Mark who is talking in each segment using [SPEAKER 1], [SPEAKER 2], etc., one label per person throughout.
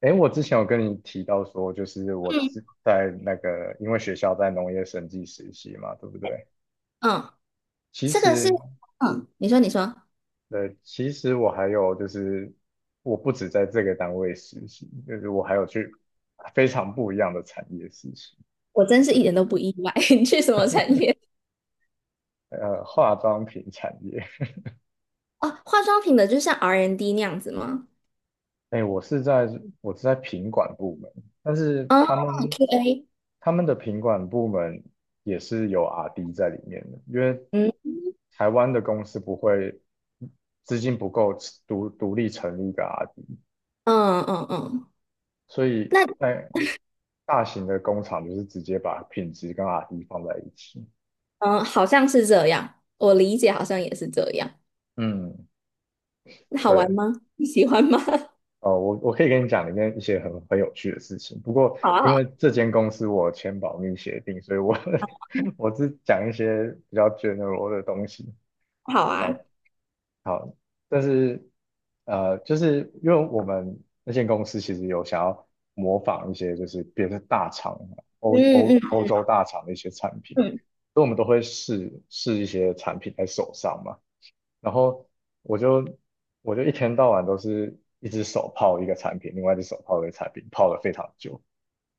[SPEAKER 1] 诶，我之前有跟你提到说，就是我
[SPEAKER 2] 嗯
[SPEAKER 1] 是在那个，因为学校在农业审计实习嘛，对不对？
[SPEAKER 2] 嗯，
[SPEAKER 1] 其
[SPEAKER 2] 这个是，
[SPEAKER 1] 实，
[SPEAKER 2] 你说你说。
[SPEAKER 1] 其实我还有就是，我不止在这个单位实习，就是我还有去非常不一样的产业实习，
[SPEAKER 2] 我真是一点都不意外。你去什么产业？
[SPEAKER 1] 呃，化妆品产业。
[SPEAKER 2] 哦，化妆品的，就像 R&D N 那样子吗？
[SPEAKER 1] 哎，我是在品管部门，但是
[SPEAKER 2] 哦
[SPEAKER 1] 他们
[SPEAKER 2] ，QA。
[SPEAKER 1] 他们的品管部门也是有 R&D 在里面的，因为
[SPEAKER 2] 嗯
[SPEAKER 1] 台湾的公司不会资金不够独立成立一个 RD，
[SPEAKER 2] 嗯嗯嗯。
[SPEAKER 1] 所以
[SPEAKER 2] 那
[SPEAKER 1] 那大型的工厂就是直接把品质跟 RD 放在一起。
[SPEAKER 2] 嗯，好像是这样，我理解好像也是这样。
[SPEAKER 1] 嗯，
[SPEAKER 2] 那好
[SPEAKER 1] 对，
[SPEAKER 2] 玩吗？你喜欢吗？
[SPEAKER 1] 哦，我可以跟你讲里面一些很有趣的事情，不过
[SPEAKER 2] 好啊好
[SPEAKER 1] 因为
[SPEAKER 2] 啊，
[SPEAKER 1] 这间公司我签保密协定，所以我 我只讲一些比较 general 的东西。
[SPEAKER 2] 好啊。
[SPEAKER 1] 好，好，但是就是因为我们那间公司其实有想要模仿一些就是别的大厂，欧
[SPEAKER 2] 嗯
[SPEAKER 1] 欧
[SPEAKER 2] 嗯
[SPEAKER 1] 欧洲大厂的一些产品，
[SPEAKER 2] 嗯
[SPEAKER 1] 所以我们都会试试一些产品在手上嘛。然后我就我就一天到晚都是一只手泡一个产品，另外一只手泡一个产品，泡了非常久。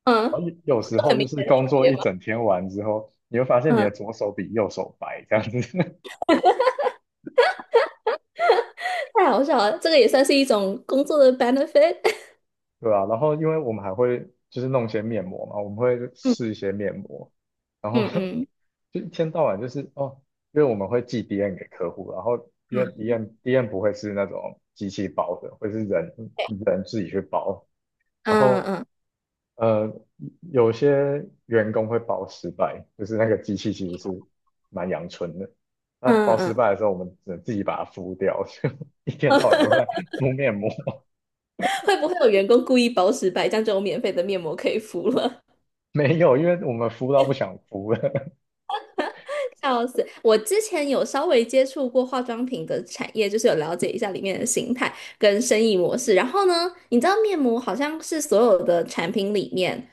[SPEAKER 2] 嗯。
[SPEAKER 1] 然后有有时
[SPEAKER 2] 有
[SPEAKER 1] 候
[SPEAKER 2] 很明
[SPEAKER 1] 就是
[SPEAKER 2] 显的区
[SPEAKER 1] 工作
[SPEAKER 2] 别
[SPEAKER 1] 一
[SPEAKER 2] 吗？
[SPEAKER 1] 整天完之后，你会发现你
[SPEAKER 2] 嗯，
[SPEAKER 1] 的左手比右手白这样子。
[SPEAKER 2] 太好笑了，这个也算是一种工作的 benefit。
[SPEAKER 1] 对啊，然后因为我们还会就是弄一些面膜嘛，我们会试一 些面膜，然后
[SPEAKER 2] 嗯嗯 嗯
[SPEAKER 1] 就一天到晚就是哦，因为我们会寄 DM 给客户，然后因为 DM 不会是那种机器包的，会是人，然
[SPEAKER 2] 嗯
[SPEAKER 1] 后
[SPEAKER 2] 嗯
[SPEAKER 1] 呃有些员工会包失败，就是那个机器其实是蛮阳春的，那
[SPEAKER 2] 嗯
[SPEAKER 1] 包
[SPEAKER 2] 嗯
[SPEAKER 1] 失
[SPEAKER 2] 嗯。
[SPEAKER 1] 败的时候我们只能自己把它敷掉，就一天到晚都在敷面膜。
[SPEAKER 2] 会不会有员工故意包十百，这样就有免费的面膜可以敷了？
[SPEAKER 1] 没有，因为我们敷到不想敷了。
[SPEAKER 2] 笑死！我之前有稍微接触过化妆品的产业，就是有了解一下里面的形态跟生意模式。然后呢，你知道面膜好像是所有的产品里面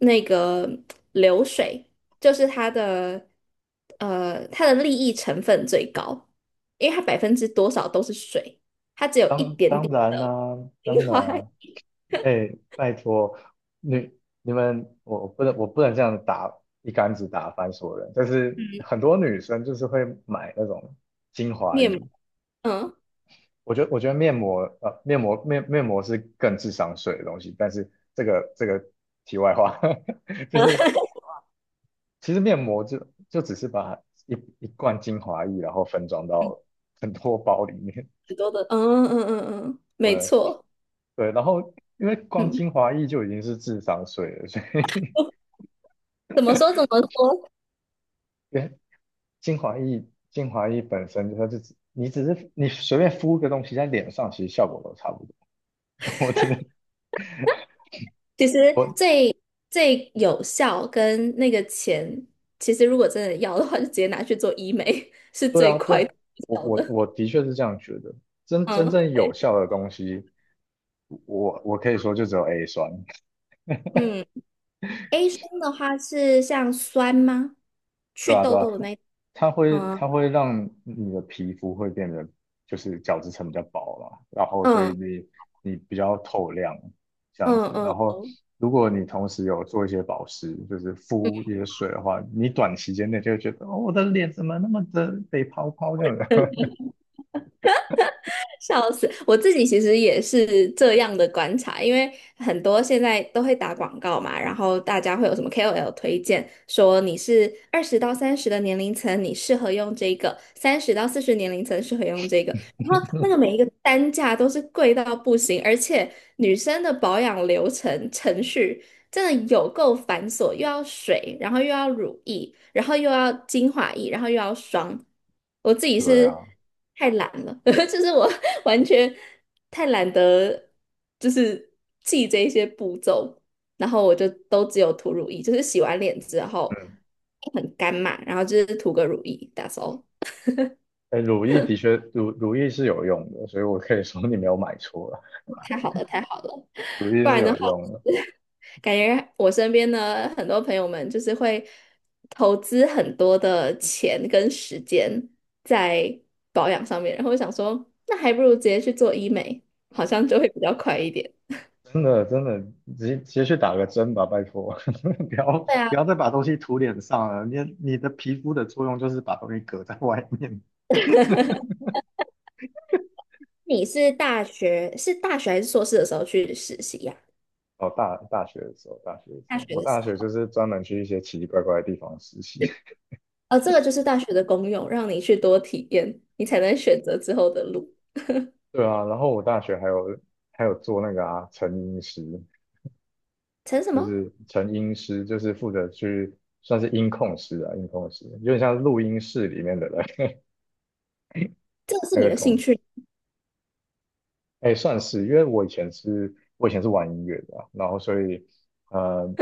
[SPEAKER 2] 那个流水，就是它的利益成分最高，因为它百分之多少都是水，它只有一
[SPEAKER 1] 当
[SPEAKER 2] 点
[SPEAKER 1] 当
[SPEAKER 2] 点
[SPEAKER 1] 然啦、当
[SPEAKER 2] 精
[SPEAKER 1] 然
[SPEAKER 2] 华
[SPEAKER 1] 啊，哎、拜托，你你们，我不能这样打一竿子打翻所有人，但是很多女生就是会买那种精华
[SPEAKER 2] 面膜。
[SPEAKER 1] 液，
[SPEAKER 2] 嗯，
[SPEAKER 1] 我觉得面膜是更智商税的东西，但是这个题外话。就是其实面膜就只是把一一罐精华液然后分装到很多包里面。
[SPEAKER 2] 很多的。嗯嗯嗯嗯，嗯没
[SPEAKER 1] 对。
[SPEAKER 2] 错。
[SPEAKER 1] 对，然后因为光
[SPEAKER 2] 嗯。
[SPEAKER 1] 精华液就已经是智商税了，所以
[SPEAKER 2] 怎么说怎么说？
[SPEAKER 1] 因为精华液精华液本身它就只你只是你随便敷个东西在脸上，其实效果都差不多。我真的
[SPEAKER 2] 其实
[SPEAKER 1] 我
[SPEAKER 2] 最最有效跟那个钱，其实如果真的要的话，就直接拿去做医美，是
[SPEAKER 1] 对
[SPEAKER 2] 最
[SPEAKER 1] 啊，对，
[SPEAKER 2] 快最
[SPEAKER 1] 我
[SPEAKER 2] 有效
[SPEAKER 1] 我
[SPEAKER 2] 的。
[SPEAKER 1] 我的确是这样觉得。真正
[SPEAKER 2] 嗯
[SPEAKER 1] 有效的东西，我可以说就只有 A 酸。
[SPEAKER 2] 嗯。A 酸的话是像酸吗？
[SPEAKER 1] 对
[SPEAKER 2] 去
[SPEAKER 1] 啊，对
[SPEAKER 2] 痘
[SPEAKER 1] 啊，
[SPEAKER 2] 痘的
[SPEAKER 1] 它它会
[SPEAKER 2] 嗯
[SPEAKER 1] 它会让你的皮肤会变得就是角质层比较薄嘛，然后所
[SPEAKER 2] 嗯
[SPEAKER 1] 以你比较透亮这样
[SPEAKER 2] 嗯
[SPEAKER 1] 子。
[SPEAKER 2] 嗯
[SPEAKER 1] 然
[SPEAKER 2] 嗯。
[SPEAKER 1] 后
[SPEAKER 2] 哦，
[SPEAKER 1] 如果你同时有做一些保湿，就是
[SPEAKER 2] 嗯。
[SPEAKER 1] 敷一些水的话，你短时间内就会觉得哦，我的脸怎么那么的被泡泡这样子。
[SPEAKER 2] 笑死！我自己其实也是这样的观察，因为很多现在都会打广告嘛，然后大家会有什么 KOL 推荐，说你是20到30的年龄层，你适合用这个；30到40年龄层适合用这个。然后那个每一个单价都是贵到不行，而且女生的保养流程程序真的有够繁琐，又要水，然后又要乳液，然后又要精华液，然后又要霜。我自己
[SPEAKER 1] 对
[SPEAKER 2] 是
[SPEAKER 1] 啊，
[SPEAKER 2] 太懒了，就是我完全太懒得就是记这些步骤，然后我就都只有涂乳液，就是洗完脸之后
[SPEAKER 1] 嗯，
[SPEAKER 2] 很干嘛，然后就是涂个乳液，that's all。
[SPEAKER 1] 哎，乳液的确乳乳液是有用的，所以我可以说你没有买错了，
[SPEAKER 2] 太好了，太好了。
[SPEAKER 1] 乳液
[SPEAKER 2] 不
[SPEAKER 1] 是
[SPEAKER 2] 然的
[SPEAKER 1] 有用的。
[SPEAKER 2] 感觉我身边的很多朋友们就是会投资很多的钱跟时间在保养上面，然后我想说，那还不如直接去做医美，好像就会比较快一点。
[SPEAKER 1] 真的真的，直接去打个针吧，拜托。不要
[SPEAKER 2] 对啊。
[SPEAKER 1] 不要再把东西涂脸上了。你的皮肤的作用就是把东西隔在外面。
[SPEAKER 2] 你是大学还是硕士的时候去实习呀、
[SPEAKER 1] 哦，大大学的时候，大学的时
[SPEAKER 2] 大
[SPEAKER 1] 候，
[SPEAKER 2] 学
[SPEAKER 1] 我
[SPEAKER 2] 的
[SPEAKER 1] 大
[SPEAKER 2] 时
[SPEAKER 1] 学就
[SPEAKER 2] 候。
[SPEAKER 1] 是专门去一些奇奇怪怪的地方实习。
[SPEAKER 2] 呃，这个就是大学的功用，让你去多体验，你才能选择之后的路。
[SPEAKER 1] 对啊，然后我大学还有做那个啊，成音师，
[SPEAKER 2] 成什
[SPEAKER 1] 就
[SPEAKER 2] 么？
[SPEAKER 1] 是成音师，就是负责去算是音控师，有点像录音室里面的人
[SPEAKER 2] 这个 是
[SPEAKER 1] 那
[SPEAKER 2] 你
[SPEAKER 1] 个
[SPEAKER 2] 的兴
[SPEAKER 1] 工司。
[SPEAKER 2] 趣？
[SPEAKER 1] 哎，算是，因为我以前是玩音乐的啊然后所以，呃，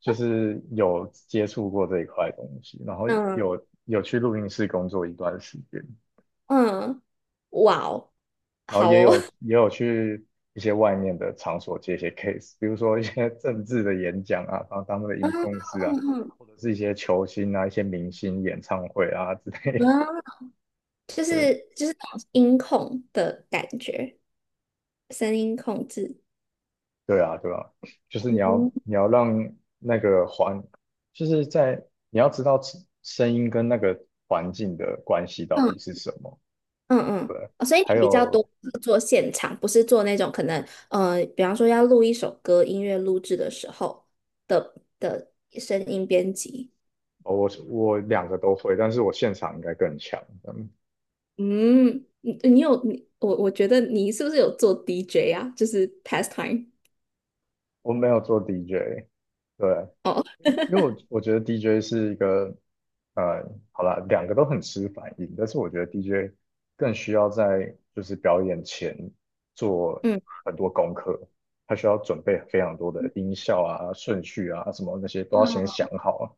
[SPEAKER 1] 就是有接触过这一块东西，然后
[SPEAKER 2] 嗯
[SPEAKER 1] 有去录音室工作一段时间，
[SPEAKER 2] 嗯。哇哦。
[SPEAKER 1] 然后
[SPEAKER 2] 好
[SPEAKER 1] 也
[SPEAKER 2] 哦。
[SPEAKER 1] 有 也有去一些外面的场所接一些 case，比如说一些 政治的演讲啊，然后当那个
[SPEAKER 2] 嗯
[SPEAKER 1] 音控师啊，
[SPEAKER 2] 嗯嗯
[SPEAKER 1] 或者是一些球星啊、一些明星演唱会啊之类
[SPEAKER 2] 嗯。就是
[SPEAKER 1] 的。
[SPEAKER 2] 就是那种音控的感觉，声音控制。
[SPEAKER 1] 对啊，对啊，就是你要
[SPEAKER 2] 嗯。
[SPEAKER 1] 你要让那个环，就是在你要知道声音跟那个环境的关系到底是
[SPEAKER 2] 嗯
[SPEAKER 1] 什么。
[SPEAKER 2] 嗯嗯。
[SPEAKER 1] 对，
[SPEAKER 2] 哦，所以
[SPEAKER 1] 还
[SPEAKER 2] 你比较多
[SPEAKER 1] 有
[SPEAKER 2] 是做现场，不是做那种可能，呃，比方说要录一首歌，音乐录制的时候的声音编辑。
[SPEAKER 1] 哦我两个都会，但是我现场应该更强。嗯
[SPEAKER 2] 嗯。你你有你我觉得你是不是有做 DJ 啊？就是 pastime。
[SPEAKER 1] 我没有做 DJ，对，
[SPEAKER 2] 哦。
[SPEAKER 1] 因为我觉得 DJ 是一个，呃，好啦，两个都很吃反应，但是我觉得 DJ 更需要在就是表演前做
[SPEAKER 2] 嗯
[SPEAKER 1] 很多功课，他需要准备非常多的音效啊、顺序啊什么那些都要先想
[SPEAKER 2] 嗯。
[SPEAKER 1] 好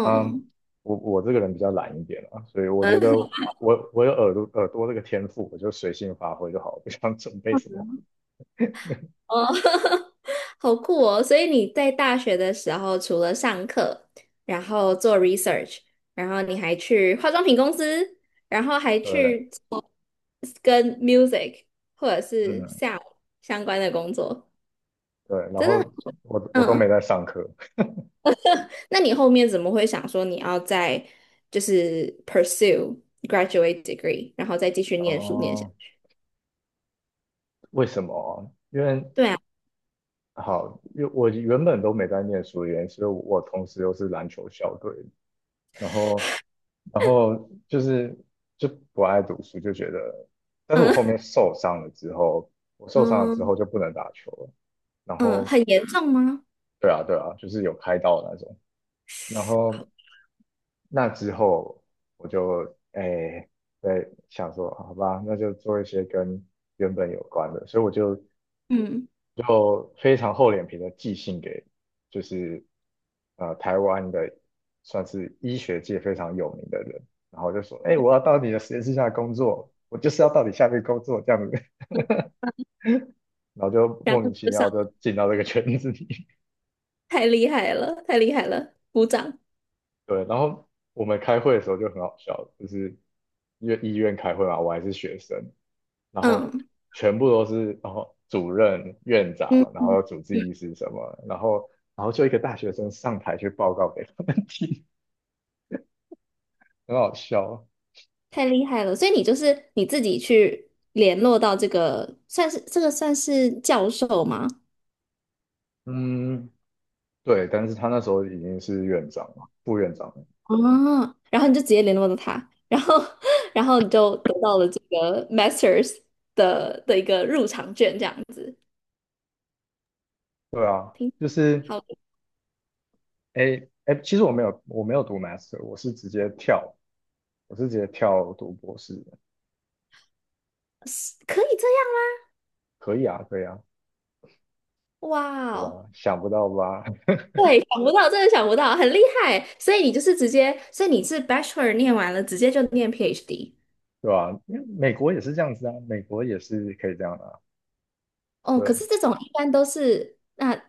[SPEAKER 1] 啊。嗯，我这个人比较懒一点啊，所以我觉得我有耳朵这个天赋，我就随性发挥就好，不想准备什么。
[SPEAKER 2] 哦。好酷哦！所以你在大学的时候，除了上课，然后做 research,然后你还去化妆品公司，然后还
[SPEAKER 1] 对，
[SPEAKER 2] 去跟 music 或者是
[SPEAKER 1] 嗯。
[SPEAKER 2] sound 相关的工作，
[SPEAKER 1] 对，然
[SPEAKER 2] 真的
[SPEAKER 1] 后我
[SPEAKER 2] 很
[SPEAKER 1] 我都没
[SPEAKER 2] 嗯。
[SPEAKER 1] 在上课。
[SPEAKER 2] 那你后面怎么会想说你要再就是 pursue graduate degree,然后再继续念书念下
[SPEAKER 1] 哦，
[SPEAKER 2] 去。
[SPEAKER 1] 为什么？因为
[SPEAKER 2] 对啊。
[SPEAKER 1] 好，因为我原本都没在念书的原因，所以我同时又是篮球校队，然后然后就是就不爱读书，就觉得，但是我后
[SPEAKER 2] 嗯
[SPEAKER 1] 面受伤了之后，我受伤了之
[SPEAKER 2] 嗯
[SPEAKER 1] 后就不能打球了。然
[SPEAKER 2] 嗯。
[SPEAKER 1] 后
[SPEAKER 2] 很严重吗？
[SPEAKER 1] 对啊对啊，就是有开刀的那种。然后那之后我就哎对，想说，好吧，那就做一些跟原本有关的，所以我就
[SPEAKER 2] 嗯。
[SPEAKER 1] 就非常厚脸皮的寄信给，就是台湾的算是医学界非常有名的人，然后就说，哎、我要到你的实验室下工作，我就是要到你下面工作这样子。然后就
[SPEAKER 2] 然
[SPEAKER 1] 莫
[SPEAKER 2] 后。
[SPEAKER 1] 名其
[SPEAKER 2] 就上。
[SPEAKER 1] 妙就进到这个圈子里。
[SPEAKER 2] 太厉害了，太厉害了，鼓掌。
[SPEAKER 1] 对，然后我们开会的时候就很好笑，就是因为医院开会嘛，我还是学生，然后
[SPEAKER 2] 嗯
[SPEAKER 1] 全部都是然后主任、院
[SPEAKER 2] 嗯
[SPEAKER 1] 长，然
[SPEAKER 2] 嗯。
[SPEAKER 1] 后主治
[SPEAKER 2] 嗯。
[SPEAKER 1] 医师什么，然后就一个大学生上台去报告给他们听。很好笑。
[SPEAKER 2] 太厉害了。所以你就是你自己去联络到这个，算是教授吗？
[SPEAKER 1] 嗯，对，但是他那时候已经是院长、副院长了。
[SPEAKER 2] 哦，然后你就直接联络到他，然后 然后你就得到了这个 Masters 的一个入场券，这样子。
[SPEAKER 1] 对啊，
[SPEAKER 2] 听
[SPEAKER 1] 就是
[SPEAKER 2] 好的。
[SPEAKER 1] 诶诶，其实我没有读 master，我是直接跳读博士的，
[SPEAKER 2] 是可以这样。
[SPEAKER 1] 可以啊，可以啊，
[SPEAKER 2] 哇
[SPEAKER 1] 对吧？
[SPEAKER 2] 哦！
[SPEAKER 1] 想不到吧？
[SPEAKER 2] 对，想不到，真的想不到，很厉害。所以你就是直接，所以你是 Bachelor 念完了，直接就念 PhD。
[SPEAKER 1] 对吧？因为美国也是这样子啊，美国也是可以这样的啊。
[SPEAKER 2] 哦，可
[SPEAKER 1] 对，
[SPEAKER 2] 是这种一般都是。那，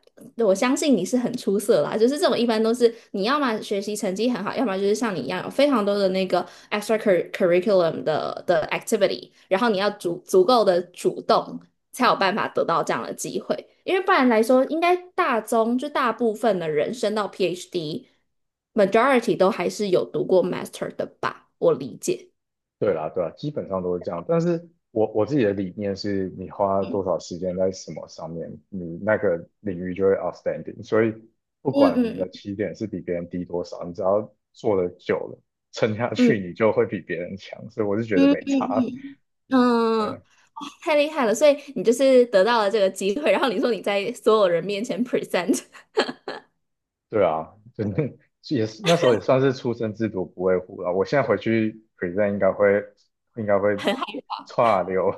[SPEAKER 2] 我相信你是很出色啦。就是这种一般都是，你要么学习成绩很好，要么就是像你一样有非常多的那个 extra cur- r i c u l u m 的 activity,然后你要足够的主动，才有办法得到这样的机会。因为不然来说，应该大中就大部分的人升到 PhD，majority 都还是有读过 master 的吧？我理解。
[SPEAKER 1] 对啦，对啦，基本上都是这样。但是我自己的理念是，你花多
[SPEAKER 2] 嗯
[SPEAKER 1] 少时间在什么上面，你那个领域就会 outstanding。所以不
[SPEAKER 2] 嗯
[SPEAKER 1] 管你
[SPEAKER 2] 嗯
[SPEAKER 1] 的起点是比别人低多少，你只要做的久了，撑下
[SPEAKER 2] 嗯
[SPEAKER 1] 去，你就会比别人强。所以我是觉得
[SPEAKER 2] 嗯
[SPEAKER 1] 没差。
[SPEAKER 2] 嗯嗯。
[SPEAKER 1] 呃，
[SPEAKER 2] 嗯。太厉害了！所以你就是得到了这个机会，然后你说你在所有人面前 present,
[SPEAKER 1] 对啊，真的也是那时候也算是初生之犊不畏虎了。我现在回去 present 应该会
[SPEAKER 2] 很害
[SPEAKER 1] 差流。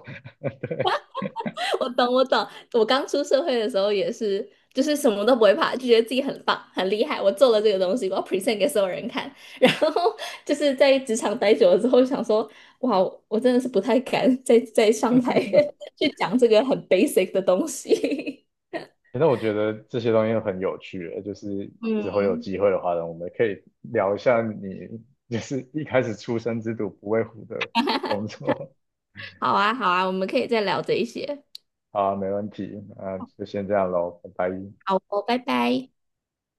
[SPEAKER 2] 怕。我懂我懂。我刚出社会的时候也是，就是什么都不会怕，就觉得自己很棒很厉害，我做了这个东西，我要 present 给所有人看。然后就是在职场待久了之后，想说哇，我真的是不太敢再上台 去讲这个很 basic 的东西。
[SPEAKER 1] 反正我觉得这些东西很有趣，就是 之后有
[SPEAKER 2] 嗯。
[SPEAKER 1] 机会的话呢，我们可以聊一下你就是一开始出生之犊不畏虎的工作。
[SPEAKER 2] 好啊好啊，我们可以再聊这一些。
[SPEAKER 1] 好啊没问题，那就先这样喽，拜拜。
[SPEAKER 2] 好哦，拜拜。